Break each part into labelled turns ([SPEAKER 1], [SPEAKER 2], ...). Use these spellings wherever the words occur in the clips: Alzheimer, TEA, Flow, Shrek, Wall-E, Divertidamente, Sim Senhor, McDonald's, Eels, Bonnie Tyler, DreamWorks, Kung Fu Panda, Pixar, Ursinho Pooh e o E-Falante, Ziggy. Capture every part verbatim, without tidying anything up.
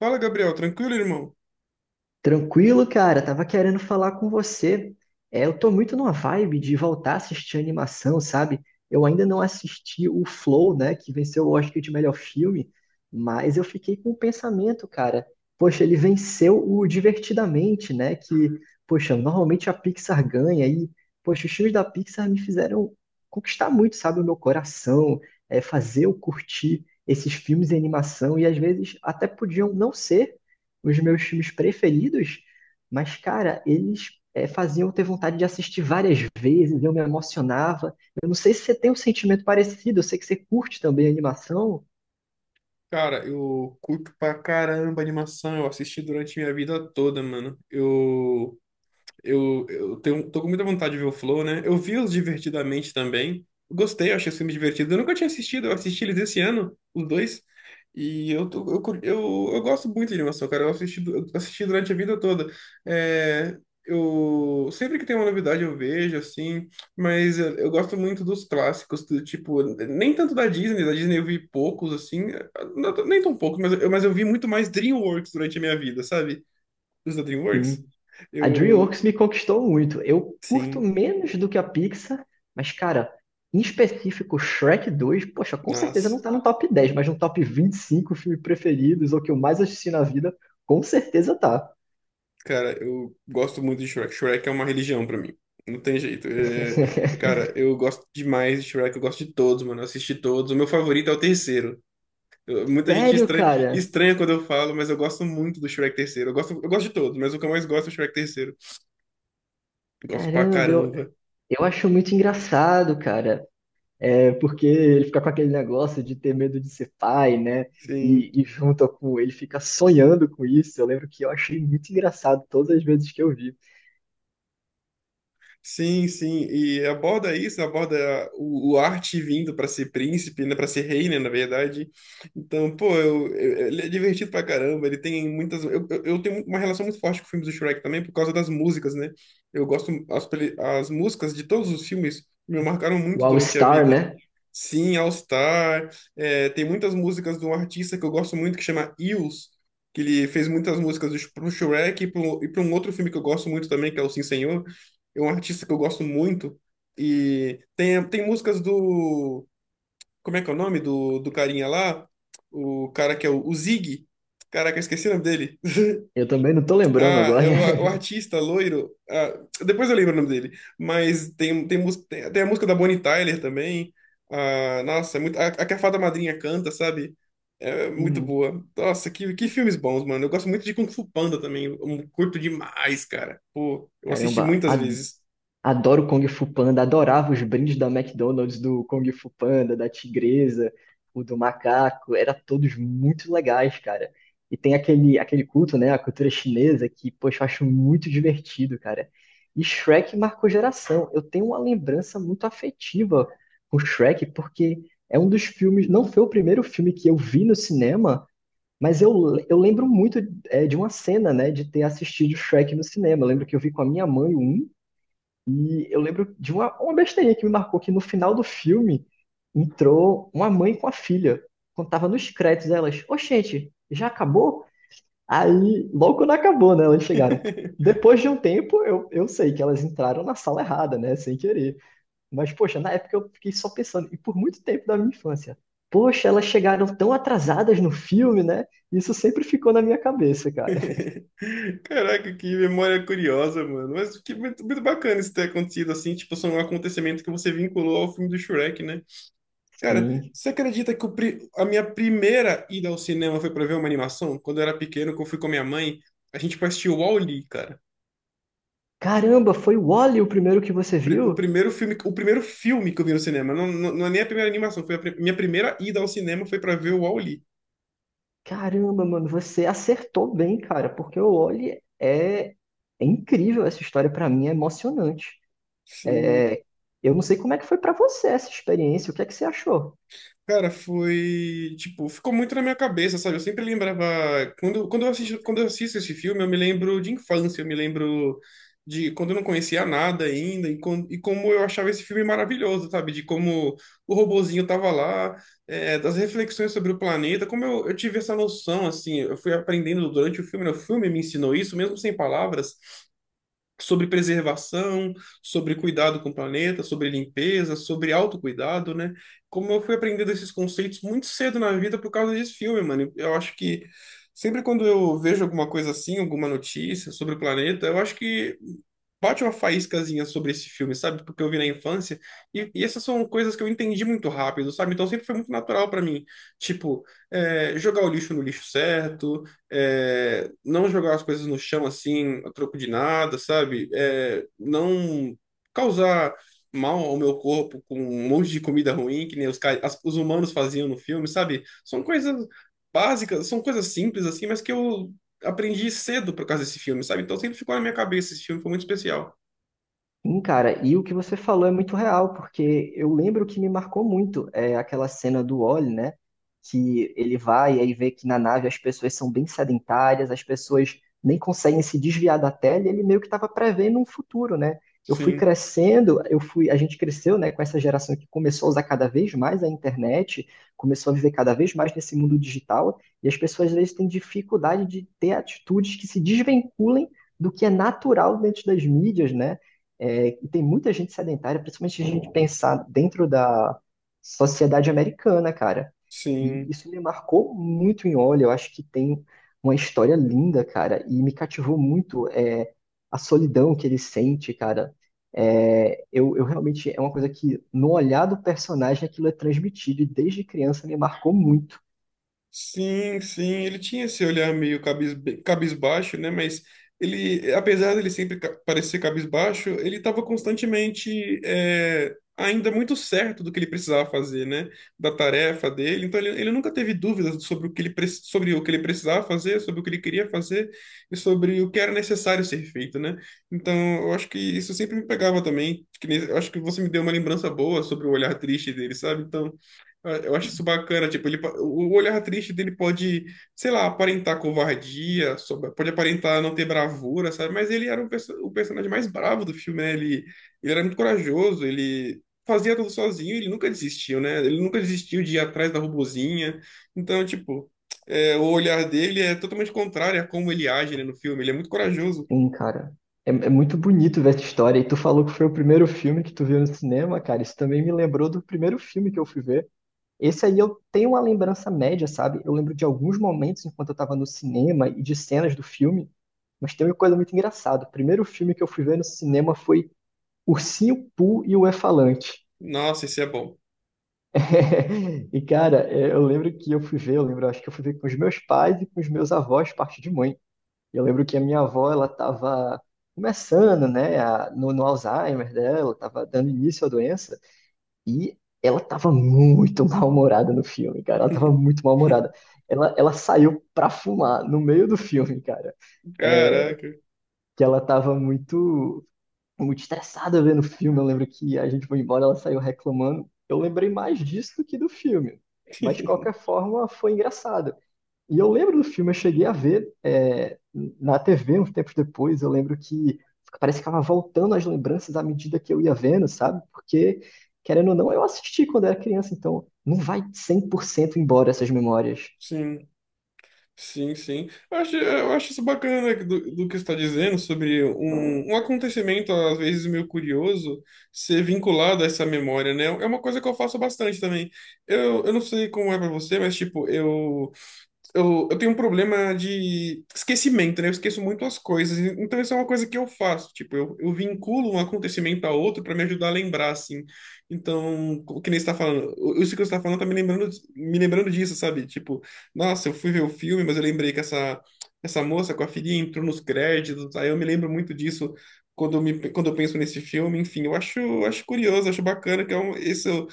[SPEAKER 1] Fala, Gabriel, tranquilo, irmão?
[SPEAKER 2] Tranquilo, cara. Tava querendo falar com você. É, eu tô muito numa vibe de voltar a assistir animação, sabe? Eu ainda não assisti o Flow, né, que venceu o Oscar de melhor filme, mas eu fiquei com o pensamento, cara. Poxa, ele venceu o Divertidamente, né? Que, poxa, normalmente a Pixar ganha e, poxa, os filmes da Pixar me fizeram conquistar muito, sabe, o meu coração, é, fazer eu curtir esses filmes de animação e às vezes até podiam não ser os meus filmes preferidos, mas, cara, eles é, faziam eu ter vontade de assistir várias vezes, eu me emocionava. Eu não sei se você tem um sentimento parecido, eu sei que você curte também a animação.
[SPEAKER 1] Cara, eu curto pra caramba animação, eu assisti durante minha vida toda, mano. Eu Eu, eu tenho, tô com muita vontade de ver o Flow, né? Eu vi os Divertidamente também. Gostei, eu achei os filmes divertidos. Eu nunca tinha assistido, eu assisti eles esse ano, os dois. E eu, tô, eu, cur- eu, eu gosto muito de animação, cara. Eu assisti, eu assisti durante a vida toda. É, eu, Sempre que tem uma novidade eu vejo, assim. Mas eu, eu gosto muito dos clássicos, do tipo, nem tanto da Disney. Da Disney eu vi poucos, assim. Não- nem tão poucos, mas, eu- mas eu vi muito mais DreamWorks durante a minha vida, sabe? Os da DreamWorks.
[SPEAKER 2] Sim. A
[SPEAKER 1] Eu,
[SPEAKER 2] DreamWorks me conquistou muito. Eu curto
[SPEAKER 1] Sim,
[SPEAKER 2] menos do que a Pixar, mas, cara, em específico, Shrek dois, poxa, com certeza
[SPEAKER 1] nossa.
[SPEAKER 2] não tá no top dez, mas no top vinte e cinco filmes preferidos, ou que eu mais assisti na vida, com certeza tá.
[SPEAKER 1] Cara, eu gosto muito de Shrek. Shrek é uma religião pra mim. Não tem jeito. É, Cara, eu gosto demais de Shrek. Eu gosto de todos, mano. Eu assisti todos. O meu favorito é o terceiro. Eu- muita gente
[SPEAKER 2] Sério,
[SPEAKER 1] estranha,
[SPEAKER 2] cara?
[SPEAKER 1] estranha quando eu falo, mas eu gosto muito do Shrek terceiro. Eu gosto, eu gosto de todos, mas o que eu mais gosto é o Shrek terceiro. Eu gosto pra
[SPEAKER 2] Caramba, eu,
[SPEAKER 1] caramba.
[SPEAKER 2] Eu acho muito engraçado, cara, é, porque ele fica com aquele negócio de ter medo de ser pai, né?
[SPEAKER 1] Sim.
[SPEAKER 2] E, e junto com ele fica sonhando com isso. Eu lembro que eu achei muito engraçado todas as vezes que eu vi.
[SPEAKER 1] Sim, sim, e aborda isso, aborda o, o arte vindo para ser príncipe, né, para ser rei, né, na verdade. Então, pô, eu, eu- ele é divertido pra caramba, ele tem muitas... Eu, eu, eu tenho uma relação muito forte com filmes do Shrek também por causa das músicas, né? Eu gosto... As, peli- as músicas de todos os filmes me marcaram
[SPEAKER 2] O
[SPEAKER 1] muito
[SPEAKER 2] All
[SPEAKER 1] durante a
[SPEAKER 2] Star,
[SPEAKER 1] vida.
[SPEAKER 2] né?
[SPEAKER 1] Sim, All Star. É, tem muitas músicas de um artista que eu gosto muito que chama Eels, que ele fez muitas músicas do- pro Shrek e pro- e para um outro filme que eu gosto muito também, que é o Sim Senhor. É um artista que eu gosto muito. E tem, tem músicas do. Como é que é o nome do, do carinha lá? O cara que é o, o Ziggy. Caraca, eu esqueci o nome dele.
[SPEAKER 2] Eu também não tô lembrando
[SPEAKER 1] Ah,
[SPEAKER 2] agora.
[SPEAKER 1] é o, o artista loiro. Ah, depois eu lembro o nome dele. Mas tem, tem, mús- tem, tem a música da Bonnie Tyler também. Ah, nossa, é muito, a, a que a Fada Madrinha canta, sabe? É muito
[SPEAKER 2] Sim.
[SPEAKER 1] boa. Nossa, que, que filmes bons, mano. Eu gosto muito de Kung Fu Panda também. Eu curto demais, cara. Pô, eu assisti
[SPEAKER 2] Caramba,
[SPEAKER 1] muitas
[SPEAKER 2] há
[SPEAKER 1] vezes.
[SPEAKER 2] adoro Kung Fu Panda, adorava os brindes da McDonald's, do Kung Fu Panda, da Tigresa, o do macaco, era todos muito legais, cara. E tem aquele, aquele culto, né, a cultura chinesa, que, poxa, eu acho muito divertido, cara. E Shrek marcou geração. Eu tenho uma lembrança muito afetiva com Shrek, porque é um dos filmes, não foi o primeiro filme que eu vi no cinema, mas eu, eu lembro muito, é, de uma cena, né, de ter assistido Shrek no cinema. Eu lembro que eu vi com a minha mãe o um e eu lembro de uma, uma besteirinha que me marcou, que no final do filme entrou uma mãe com a filha. Quando tava nos créditos, elas, ô gente, já acabou? Aí, logo quando acabou, né, elas chegaram. Depois de um tempo, eu, eu sei que elas entraram na sala errada, né, sem querer. Mas, poxa, na época eu fiquei só pensando, e por muito tempo da minha infância, poxa, elas chegaram tão atrasadas no filme, né? Isso sempre ficou na minha cabeça, cara.
[SPEAKER 1] Caraca, que memória curiosa, mano. Mas que muito, muito bacana isso ter acontecido assim. Tipo, são um acontecimento que você vinculou ao filme do Shrek, né? Cara,
[SPEAKER 2] Sim.
[SPEAKER 1] você acredita que o pri- a minha primeira ida ao cinema foi pra ver uma animação? Quando eu era pequeno, que eu fui com a minha mãe, a gente foi assistir o Wall-E, cara.
[SPEAKER 2] Caramba, foi o Wall-E o primeiro que você
[SPEAKER 1] Pri- O
[SPEAKER 2] viu?
[SPEAKER 1] primeiro filme, o primeiro filme que eu vi no cinema, não, não, não é nem a primeira animação, foi a pri- minha primeira ida ao cinema foi pra ver o Wall-E.
[SPEAKER 2] Caramba, mano, você acertou bem, cara, porque o Oli é, é incrível essa história pra mim, é emocionante.
[SPEAKER 1] Sim.
[SPEAKER 2] É, Eu não sei como é que foi pra você essa experiência, o que é que você achou?
[SPEAKER 1] Cara, foi, tipo, ficou muito na minha cabeça, sabe? Eu sempre lembrava, quando, quando eu assisto, quando eu assisto esse filme, eu me lembro de infância, eu me lembro de quando eu não conhecia nada ainda e, com, e como eu achava esse filme maravilhoso, sabe? De como o robozinho tava lá, é, das reflexões sobre o planeta, como eu, eu tive essa noção, assim, eu fui aprendendo durante o filme, né? O filme me ensinou isso, mesmo sem palavras, sobre preservação, sobre cuidado com o planeta, sobre limpeza, sobre autocuidado, né? Como eu fui aprendendo esses conceitos muito cedo na vida por causa desse filme, mano. Eu acho que sempre quando eu vejo alguma coisa assim, alguma notícia sobre o planeta, eu acho que bate uma faíscazinha sobre esse filme, sabe? Porque eu vi na infância. E, e essas são coisas que eu entendi muito rápido, sabe? Então sempre foi muito natural para mim. Tipo, é, jogar o lixo no lixo certo, é, não jogar as coisas no chão assim, a troco de nada, sabe? É, não causar mal ao meu corpo com um monte de comida ruim, que nem os, ca- as- os humanos faziam no filme, sabe? São coisas básicas, são coisas simples assim, mas que eu aprendi cedo por causa desse filme, sabe? Então sempre ficou na minha cabeça, esse filme foi muito especial.
[SPEAKER 2] Sim, cara, e o que você falou é muito real, porque eu lembro que me marcou muito é aquela cena do Wall, né? Que ele vai e aí vê que na nave as pessoas são bem sedentárias, as pessoas nem conseguem se desviar da tela, e ele meio que estava prevendo um futuro, né? Eu fui
[SPEAKER 1] Sim,
[SPEAKER 2] crescendo, eu fui, a gente cresceu, né, com essa geração que começou a usar cada vez mais a internet, começou a viver cada vez mais nesse mundo digital, e as pessoas às vezes têm dificuldade de ter atitudes que se desvinculem do que é natural dentro das mídias, né? É, e tem muita gente sedentária, principalmente se a gente pensar dentro da sociedade americana, cara. E
[SPEAKER 1] sim.
[SPEAKER 2] isso me marcou muito em Olho. Eu acho que tem uma história linda, cara, e me cativou muito é, a solidão que ele sente, cara. É, eu, eu realmente é uma coisa que no olhar do personagem aquilo é transmitido e desde criança me marcou muito,
[SPEAKER 1] Sim, sim, ele tinha esse olhar meio cabis, cabisbaixo, né? Mas ele, apesar dele sempre ca- parecer cabisbaixo, ele estava constantemente é, ainda muito certo do que ele precisava fazer, né? Da tarefa dele. Então ele, ele nunca teve dúvidas sobre o que ele, pre- sobre o que ele precisava fazer, sobre o que ele queria fazer e sobre o que era necessário ser feito, né? Então eu acho que isso sempre me pegava também. Que nem- Eu acho que você me deu uma lembrança boa sobre o olhar triste dele, sabe? Então ah, eu acho isso bacana, tipo, ele, po- o olhar triste dele pode, sei lá, aparentar covardia, sob- pode aparentar não ter bravura, sabe? Mas ele era um perso- o personagem mais bravo do filme, né? Ele, ele era muito corajoso, ele fazia tudo sozinho, ele nunca desistiu, né? Ele nunca desistiu de ir atrás da robozinha. Então, tipo, é, o olhar dele é totalmente contrário a como ele age, né, no filme. Ele é muito corajoso.
[SPEAKER 2] hein, cara. É, é muito bonito ver essa história. E tu falou que foi o primeiro filme que tu viu no cinema, cara. Isso também me lembrou do primeiro filme que eu fui ver. Esse aí eu tenho uma lembrança média, sabe? Eu lembro de alguns momentos enquanto eu estava no cinema e de cenas do filme, mas tem uma coisa muito engraçada. O primeiro filme que eu fui ver no cinema foi Ursinho Pooh e o E-Falante.
[SPEAKER 1] Nossa, isso é bom.
[SPEAKER 2] E cara, é, eu lembro que eu fui ver, eu lembro, eu acho que eu fui ver com os meus pais e com os meus avós, parte de mãe. Eu lembro que a minha avó, ela tava começando, né, a- no, no Alzheimer dela, tava dando início à doença. E ela tava muito mal-humorada no filme, cara. Ela tava muito mal-humorada. Ela, ela saiu pra fumar no meio do filme, cara. É,
[SPEAKER 1] Caraca.
[SPEAKER 2] que ela tava muito, muito estressada vendo o filme. Eu lembro que a gente foi embora, ela saiu reclamando. Eu lembrei mais disso do que do filme. Mas, de qualquer forma, foi engraçado. E eu lembro do filme, eu cheguei a ver é, na T V uns tempos depois, eu lembro que parece que estava voltando as lembranças à medida que eu ia vendo, sabe? Porque, querendo ou não, eu assisti quando era criança, então não vai cem por cento embora essas memórias.
[SPEAKER 1] Sim. Sim, sim. Eu acho, eu acho isso bacana né, do, do que você está dizendo sobre um, um acontecimento, às vezes meio curioso, ser vinculado a essa memória, né? É uma coisa que eu faço bastante também. Eu, eu não sei como é para você, mas, tipo, eu eu, eu tenho um problema de esquecimento, né? Eu esqueço muito as coisas. Então, isso é uma coisa que eu faço. Tipo, eu, eu vinculo um acontecimento a outro para me ajudar a lembrar, assim. Então, o que nem você tá falando, o- isso que você tá falando tá me lembrando, me lembrando disso, sabe? Tipo, nossa, eu fui ver o filme, mas eu lembrei que essa, essa moça com a filhinha entrou nos créditos. Aí eu me lembro muito disso quando eu, me, quando eu penso nesse filme. Enfim, eu acho, acho curioso, acho bacana que é um, isso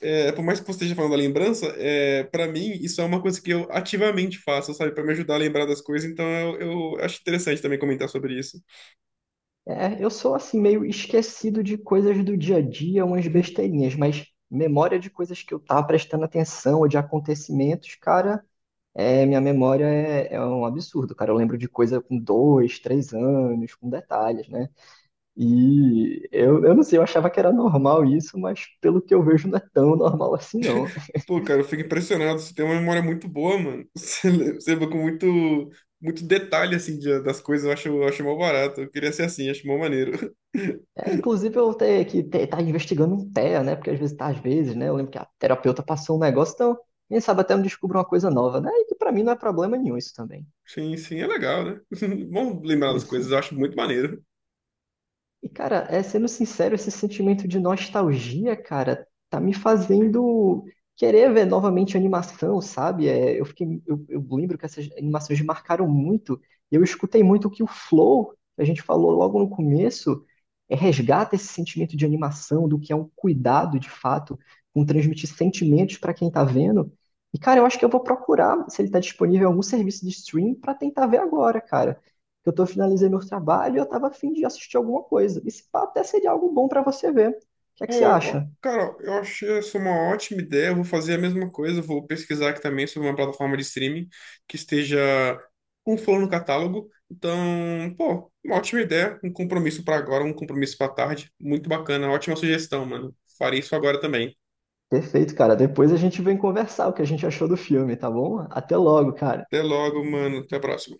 [SPEAKER 1] é, por mais que você esteja falando da lembrança, é, para mim isso é uma coisa que eu ativamente faço, sabe? Para me ajudar a lembrar das coisas, então eu, eu acho interessante também comentar sobre isso.
[SPEAKER 2] É, eu sou assim meio esquecido de coisas do dia a dia, umas besteirinhas, mas memória de coisas que eu tava prestando atenção ou de acontecimentos, cara, é, minha memória é, é um absurdo, cara. Eu lembro de coisa com dois, três anos, com detalhes, né? E eu, eu não sei, eu achava que era normal isso, mas pelo que eu vejo não é tão normal assim, não.
[SPEAKER 1] Pô, cara, eu fico impressionado, você tem uma memória muito boa, mano. Você le- você lembra com muito, muito detalhe, assim, de- das coisas, eu acho, eu acho mó barato. Eu queria ser assim, acho mó maneiro.
[SPEAKER 2] É, inclusive eu ter que ter, tá investigando um T E A, né? Porque às vezes tá, às vezes, né? Eu lembro que a terapeuta passou um negócio, então, quem sabe até eu descubro uma coisa nova, né? E que pra mim não é problema nenhum isso também.
[SPEAKER 1] Sim, sim, é legal, né? Bom lembrar das coisas, eu acho muito maneiro.
[SPEAKER 2] E, cara, é, sendo sincero, esse sentimento de nostalgia, cara, tá me fazendo querer ver novamente animação, sabe? É, eu fiquei, eu, eu lembro que essas animações me marcaram muito. E eu escutei muito que o Flow, que a gente falou logo no começo, é, resgata esse sentimento de animação, do que é um cuidado, de fato, com transmitir sentimentos para quem tá vendo. E, cara, eu acho que eu vou procurar se ele tá disponível em algum serviço de stream pra tentar ver agora, cara que eu tô, finalizei meu trabalho e eu tava a fim de assistir alguma coisa. E se pá, até seria algo bom pra você ver. O que é
[SPEAKER 1] Pô,
[SPEAKER 2] que você
[SPEAKER 1] ó,
[SPEAKER 2] acha?
[SPEAKER 1] cara, eu achei essa uma ótima ideia. Eu vou fazer a mesma coisa. Eu vou pesquisar aqui também sobre uma plataforma de streaming que esteja com flor no catálogo. Então, pô, uma ótima ideia. Um compromisso para agora, um compromisso para tarde. Muito bacana. Ótima sugestão, mano. Farei isso agora também.
[SPEAKER 2] Perfeito, cara. Depois a gente vem conversar o que a gente achou do filme, tá bom? Até logo, cara.
[SPEAKER 1] Até logo, mano. Até a próxima.